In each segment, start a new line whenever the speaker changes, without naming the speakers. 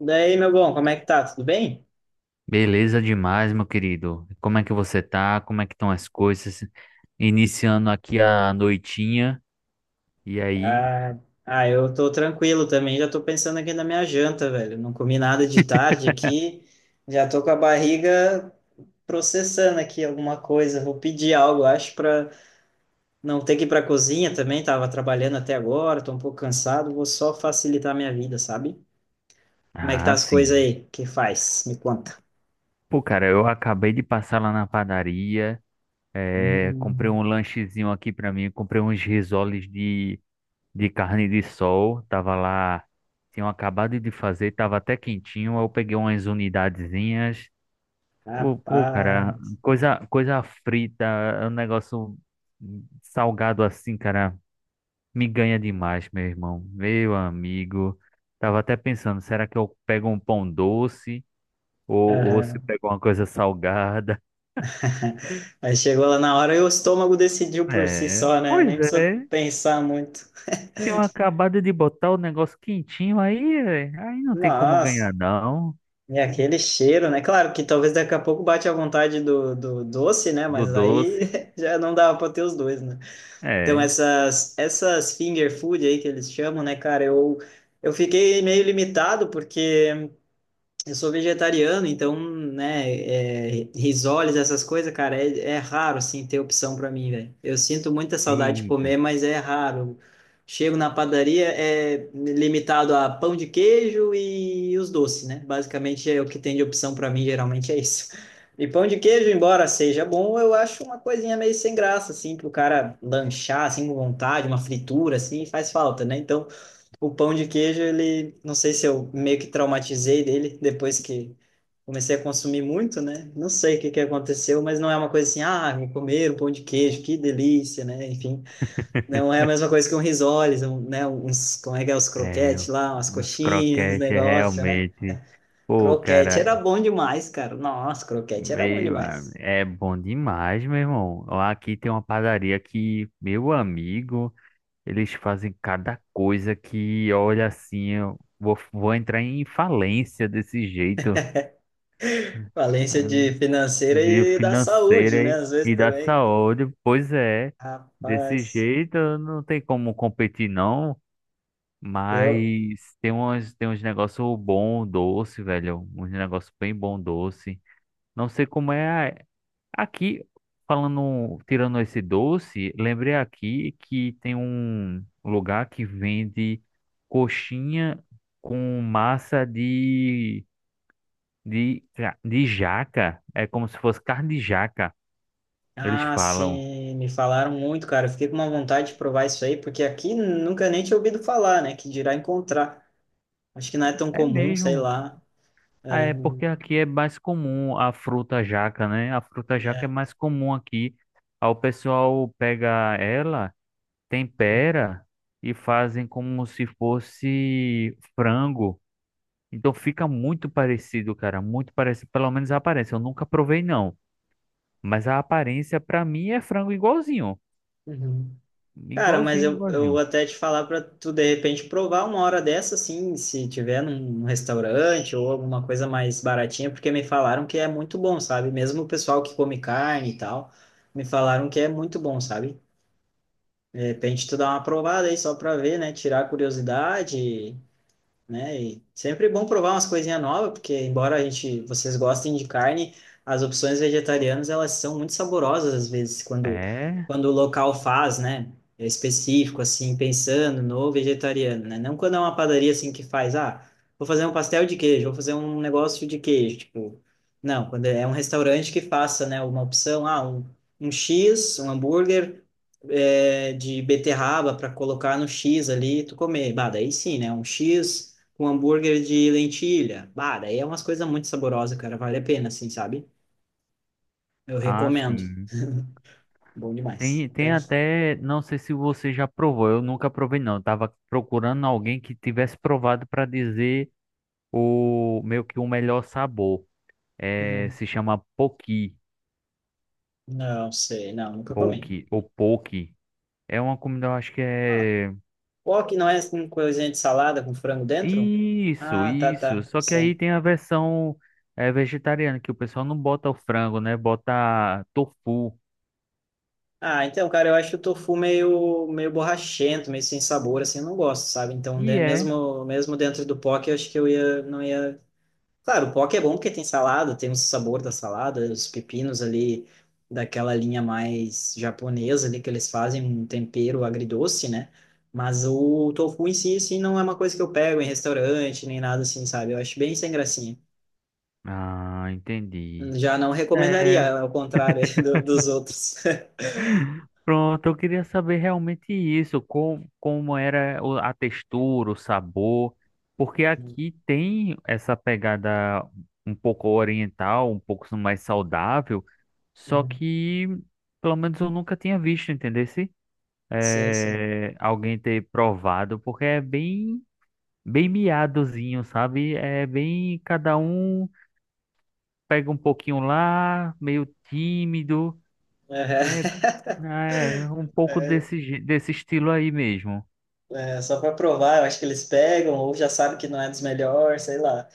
Daí, meu bom, como é que tá? Tudo bem?
Beleza demais, meu querido. Como é que você tá? Como é que estão as coisas? Iniciando aqui a noitinha. E aí?
Ah, eu tô tranquilo também, já tô pensando aqui na minha janta, velho. Não comi nada de tarde aqui, já tô com a barriga processando aqui alguma coisa. Vou pedir algo, acho, pra não ter que ir pra cozinha também. Tava trabalhando até agora, tô um pouco cansado, vou só facilitar a minha vida, sabe? Como é que tá
Ah,
as
sim.
coisas aí? Que faz? Me conta.
Pô, cara, eu acabei de passar lá na padaria. Comprei
Hum,
um lanchezinho aqui pra mim. Comprei uns risoles de carne de sol. Tava lá, tinham acabado de fazer, tava até quentinho. Aí eu peguei umas unidadezinhas. Pô, cara,
rapaz.
coisa frita, é um negócio salgado assim, cara. Me ganha demais, meu irmão. Meu amigo. Tava até pensando, será que eu pego um pão doce ou se
Aham.
pego uma coisa salgada?
Aí chegou lá na hora e o estômago decidiu por si
É,
só, né?
pois
Nem precisa
é.
pensar muito.
Tinham acabado de botar o negócio quentinho aí, é, aí não tem como
Nossa,
ganhar, não.
e aquele cheiro, né? Claro que talvez daqui a pouco bate a vontade do doce, né?
Do
Mas aí
doce.
já não dava para ter os dois, né? Então
É.
essas finger food aí que eles chamam, né, cara? Eu fiquei meio limitado porque eu sou vegetariano, então, né, é, risoles, essas coisas, cara, é, é raro, assim, ter opção para mim, velho. Eu sinto muita saudade de
Eita,
comer, mas é raro. Chego na padaria, é limitado a pão de queijo e os doces, né? Basicamente é o que tem de opção para mim, geralmente é isso. E pão de queijo, embora seja bom, eu acho uma coisinha meio sem graça, assim, pro cara lanchar, assim, com vontade, uma fritura, assim, faz falta, né? Então, o pão de queijo, ele, não sei se eu meio que traumatizei dele depois que comecei a consumir muito, né? Não sei o que que aconteceu, mas não é uma coisa assim, ah, vou comer um pão de queijo, que delícia, né? Enfim, não é a mesma coisa que um risoles, um, né? Uns, como é que é, os
é.
croquetes lá, umas
Uns
coxinhas,
croquetes é
negócio, né?
realmente. Pô,
Croquete era
cara,
bom demais, cara. Nossa, croquete era bom demais.
é bom demais, meu irmão. Ó, aqui tem uma padaria que, meu amigo. Eles fazem cada coisa que, olha assim, eu vou, vou entrar em falência desse jeito,
Valência
ah,
de financeira
de
e da saúde,
financeira
né?
e,
Às vezes
e da
também,
saúde. Pois é, desse
rapaz.
jeito não tem como competir, não.
Eu,
Mas tem uns negócios bom, doce, velho. Uns negócios bem bom, doce. Não sei como é, aqui, falando, tirando esse doce, lembrei aqui que tem um lugar que vende coxinha com massa de jaca. É como se fosse carne de jaca, eles
ah,
falam.
sim, me falaram muito, cara. Eu fiquei com uma vontade de provar isso aí, porque aqui nunca nem tinha ouvido falar, né? Que dirá encontrar. Acho que não é tão
É
comum, sei
mesmo.
lá.
Ah,
É,
é porque aqui é mais comum a fruta jaca, né? A fruta jaca é
é.
mais comum aqui. Aí o pessoal pega ela, tempera e fazem como se fosse frango. Então fica muito parecido, cara, muito parecido, pelo menos a aparência. Eu nunca provei não, mas a aparência pra mim é frango igualzinho,
Uhum. Cara, mas
igualzinho,
eu, eu vou
igualzinho.
até te falar para tu de repente provar uma hora dessa, assim, se tiver num restaurante ou alguma coisa mais baratinha, porque me falaram que é muito bom, sabe? Mesmo o pessoal que come carne e tal, me falaram que é muito bom, sabe? De repente tu dá uma provada aí só para ver, né? Tirar a curiosidade. Né? E sempre é bom provar umas coisinhas novas, porque embora a gente, vocês gostem de carne, as opções vegetarianas elas são muito saborosas às vezes quando
É,
quando o local faz, né? É específico assim, pensando no vegetariano, né? Não quando é uma padaria assim que faz, ah, vou fazer um pastel de queijo, vou fazer um negócio de queijo, tipo, não, quando é um restaurante que faça, né, uma opção, ah, um X, um hambúrguer é, de beterraba para colocar no X ali, tu comer. Bah, daí sim, né? Um X com hambúrguer de lentilha. Bah, daí é umas coisas muito saborosas, cara. Vale a pena, assim, sabe? Eu
ah,
recomendo.
sim.
Bom demais.
Tem,
Tá?
tem até, não sei se você já provou, eu nunca provei não. Eu tava procurando alguém que tivesse provado pra dizer o meio que o melhor sabor. É,
Uhum.
se chama poki,
Não sei, não, nunca comi.
poki ou poki. É uma comida, eu acho que
Ah,
é...
wok não é com coisinha de salada com frango dentro?
Isso,
Ah, tá,
isso.
tá,
Só que aí
sim.
tem a versão é, vegetariana, que o pessoal não bota o frango, né? Bota tofu.
Ah, então, cara, eu acho o tofu meio borrachento, meio sem sabor, assim, eu não gosto, sabe? Então,
E
né,
é.
mesmo dentro do poke, eu acho que eu ia, não ia. Claro, o poke é bom porque tem salada, tem o sabor da salada, os pepinos ali daquela linha mais japonesa ali que eles fazem um tempero agridoce, né? Mas o tofu em si, assim, não é uma coisa que eu pego em restaurante nem nada assim, sabe? Eu acho bem sem gracinha.
Ah, entendi.
Já não
É,
recomendaria, ao contrário dos outros.
pronto, eu queria saber realmente isso, como, como era a textura, o sabor, porque
Uhum.
aqui tem essa pegada um pouco oriental, um pouco mais saudável, só
Uhum.
que pelo menos eu nunca tinha visto, entendeu?
Sim, sim.
É, alguém ter provado, porque é bem, bem miadozinho, sabe? É bem, cada um pega um pouquinho lá, meio tímido, é,
Uhum.
é um pouco desse, desse estilo aí mesmo.
É, só para provar, eu acho que eles pegam ou já sabem que não é dos melhores, sei lá.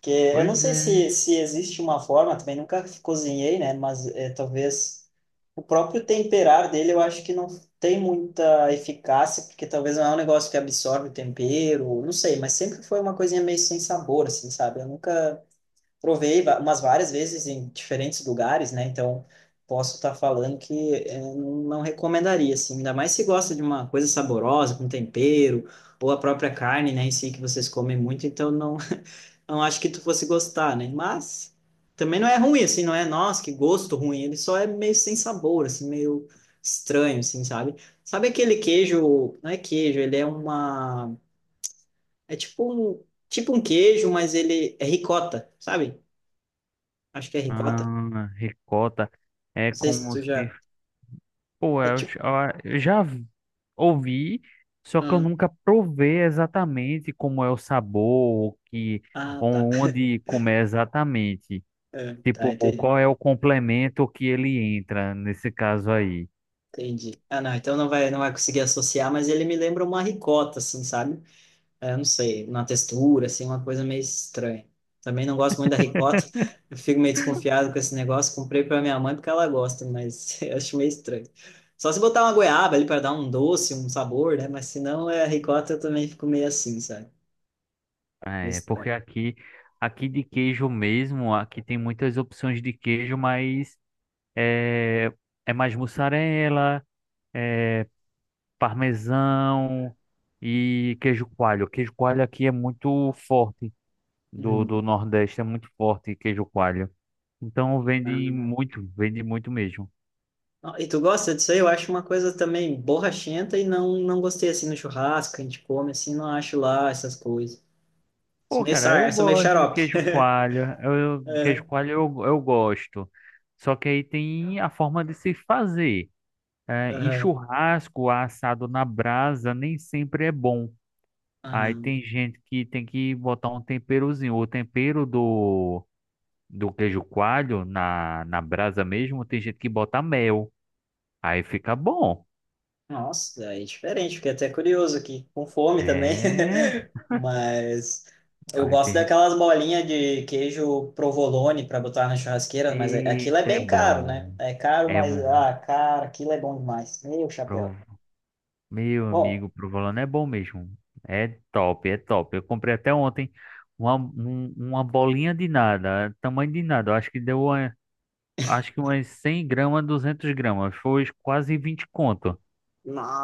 Que eu não
Pois
sei
é.
se existe uma forma, também nunca cozinhei, né? Mas é, talvez o próprio temperar dele eu acho que não tem muita eficácia, porque talvez não é um negócio que absorve o tempero, não sei, mas sempre foi uma coisinha meio sem sabor, assim, sabe? Eu nunca provei umas várias vezes em diferentes lugares, né? Então posso estar falando que é, não recomendaria, assim, ainda mais se gosta de uma coisa saborosa, com tempero, ou a própria carne, né, em si, que vocês comem muito, então não acho que tu fosse gostar, né? Mas também não é ruim, assim, não é, nossa, que gosto ruim. Ele só é meio sem sabor, assim, meio estranho, assim, sabe? Sabe aquele queijo, não é queijo, ele é uma, é tipo um queijo, mas ele é ricota, sabe? Acho que é ricota.
Ah, ricota. É
Não sei se
como
tu
se...
já,
Pô,
é
eu,
tipo,
j- ah, eu já vi- ouvi, só que eu
ah,
nunca provei exatamente como é o sabor, o que,
ah, tá.
onde comer exatamente.
É, tá,
Tipo,
entendi.
qual é o complemento que ele entra nesse caso aí?
Entendi. Ah, não, então não vai conseguir associar, mas ele me lembra uma ricota, assim, sabe? É, não sei, na textura, assim, uma coisa meio estranha. Também não gosto muito da ricota, eu fico meio desconfiado com esse negócio. Comprei para minha mãe porque ela gosta, mas eu acho meio estranho. Só se botar uma goiaba ali para dar um doce, um sabor, né? Mas se não é ricota, eu também fico meio assim, sabe? Meio
É, porque
estranho.
aqui, aqui de queijo mesmo, aqui tem muitas opções de queijo, mas é, é mais mussarela, é parmesão e queijo coalho. Queijo coalho aqui é muito forte, do
Uhum.
Nordeste é muito forte queijo coalho. Então
Ah, não.
vende muito mesmo.
E tu gosta disso aí? Eu acho uma coisa também borrachenta e não gostei assim no churrasco, que a gente come assim, não acho lá essas coisas. Sou
Pô,
meio,
cara, eu
sar, sou meio
gosto de
xarope.
queijo coalho. Eu, queijo coalho eu gosto. Só que aí tem a forma de se fazer. É, em
Aham.
churrasco, assado na brasa, nem sempre é bom. Aí
Aham.
tem gente que tem que botar um temperozinho. O tempero do, do queijo coalho na brasa mesmo, tem gente que bota mel. Aí fica bom.
Nossa, é diferente, fiquei até curioso aqui, com fome também.
É.
Mas eu
Aí
gosto
tem gente.
daquelas bolinhas de queijo provolone para botar na churrasqueira, mas aquilo é
Eita, é
bem caro, né?
bom.
É caro,
É
mas ah, cara, aquilo é bom demais. Meu chapéu.
um. Meu
Bom,
amigo, provolone é bom mesmo. É top, é top. Eu comprei até ontem uma bolinha de nada, tamanho de nada. Eu acho que deu, acho que umas 100 gramas, 200 gramas. Foi quase 20 conto.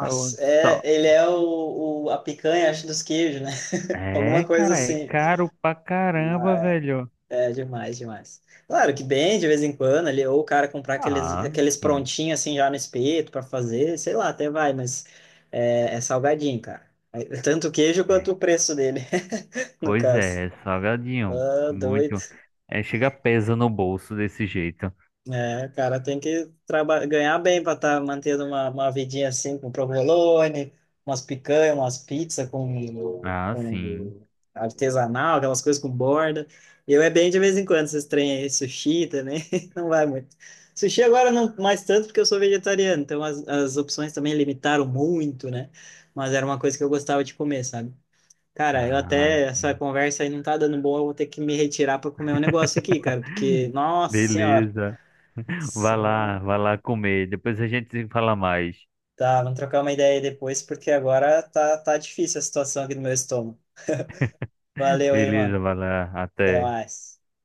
Eu
é,
só-
ele é a picanha, acho, dos queijos, né?
É,
Alguma coisa
cara, é
assim.
caro pra caramba, velho.
É, demais, demais. Claro que bem, de vez em quando, ali, ou o cara comprar aqueles,
Ah,
aqueles
sim.
prontinhos assim já no espeto para fazer, sei lá, até vai, mas é, é salgadinho, cara. É tanto o queijo quanto o
É.
preço dele, no
Pois
caso.
é, é salgadinho.
Ah, doido.
Muito. É, chega pesa no bolso desse jeito.
É, cara, tem que ganhar bem para estar mantendo uma vidinha assim com provolone, umas picanhas, umas pizzas com,
Ah, sim.
com artesanal, aquelas coisas com borda. Eu é bem de vez em quando, esses trem aí, sushi também, não vai muito. Sushi agora não mais tanto porque eu sou vegetariano, então as opções também limitaram muito, né? Mas era uma coisa que eu gostava de comer, sabe? Cara, eu
Ah,
até, essa
sim.
conversa aí não tá dando boa, eu vou ter que me retirar para comer um negócio aqui, cara, porque, nossa senhora.
Beleza.
Só...
Vai lá comer. Depois a gente se fala mais.
Tá, vamos trocar uma ideia aí depois, porque agora tá, tá difícil a situação aqui no meu estômago. Valeu aí,
Beleza,
mano.
vai lá.
Até
Até.
mais.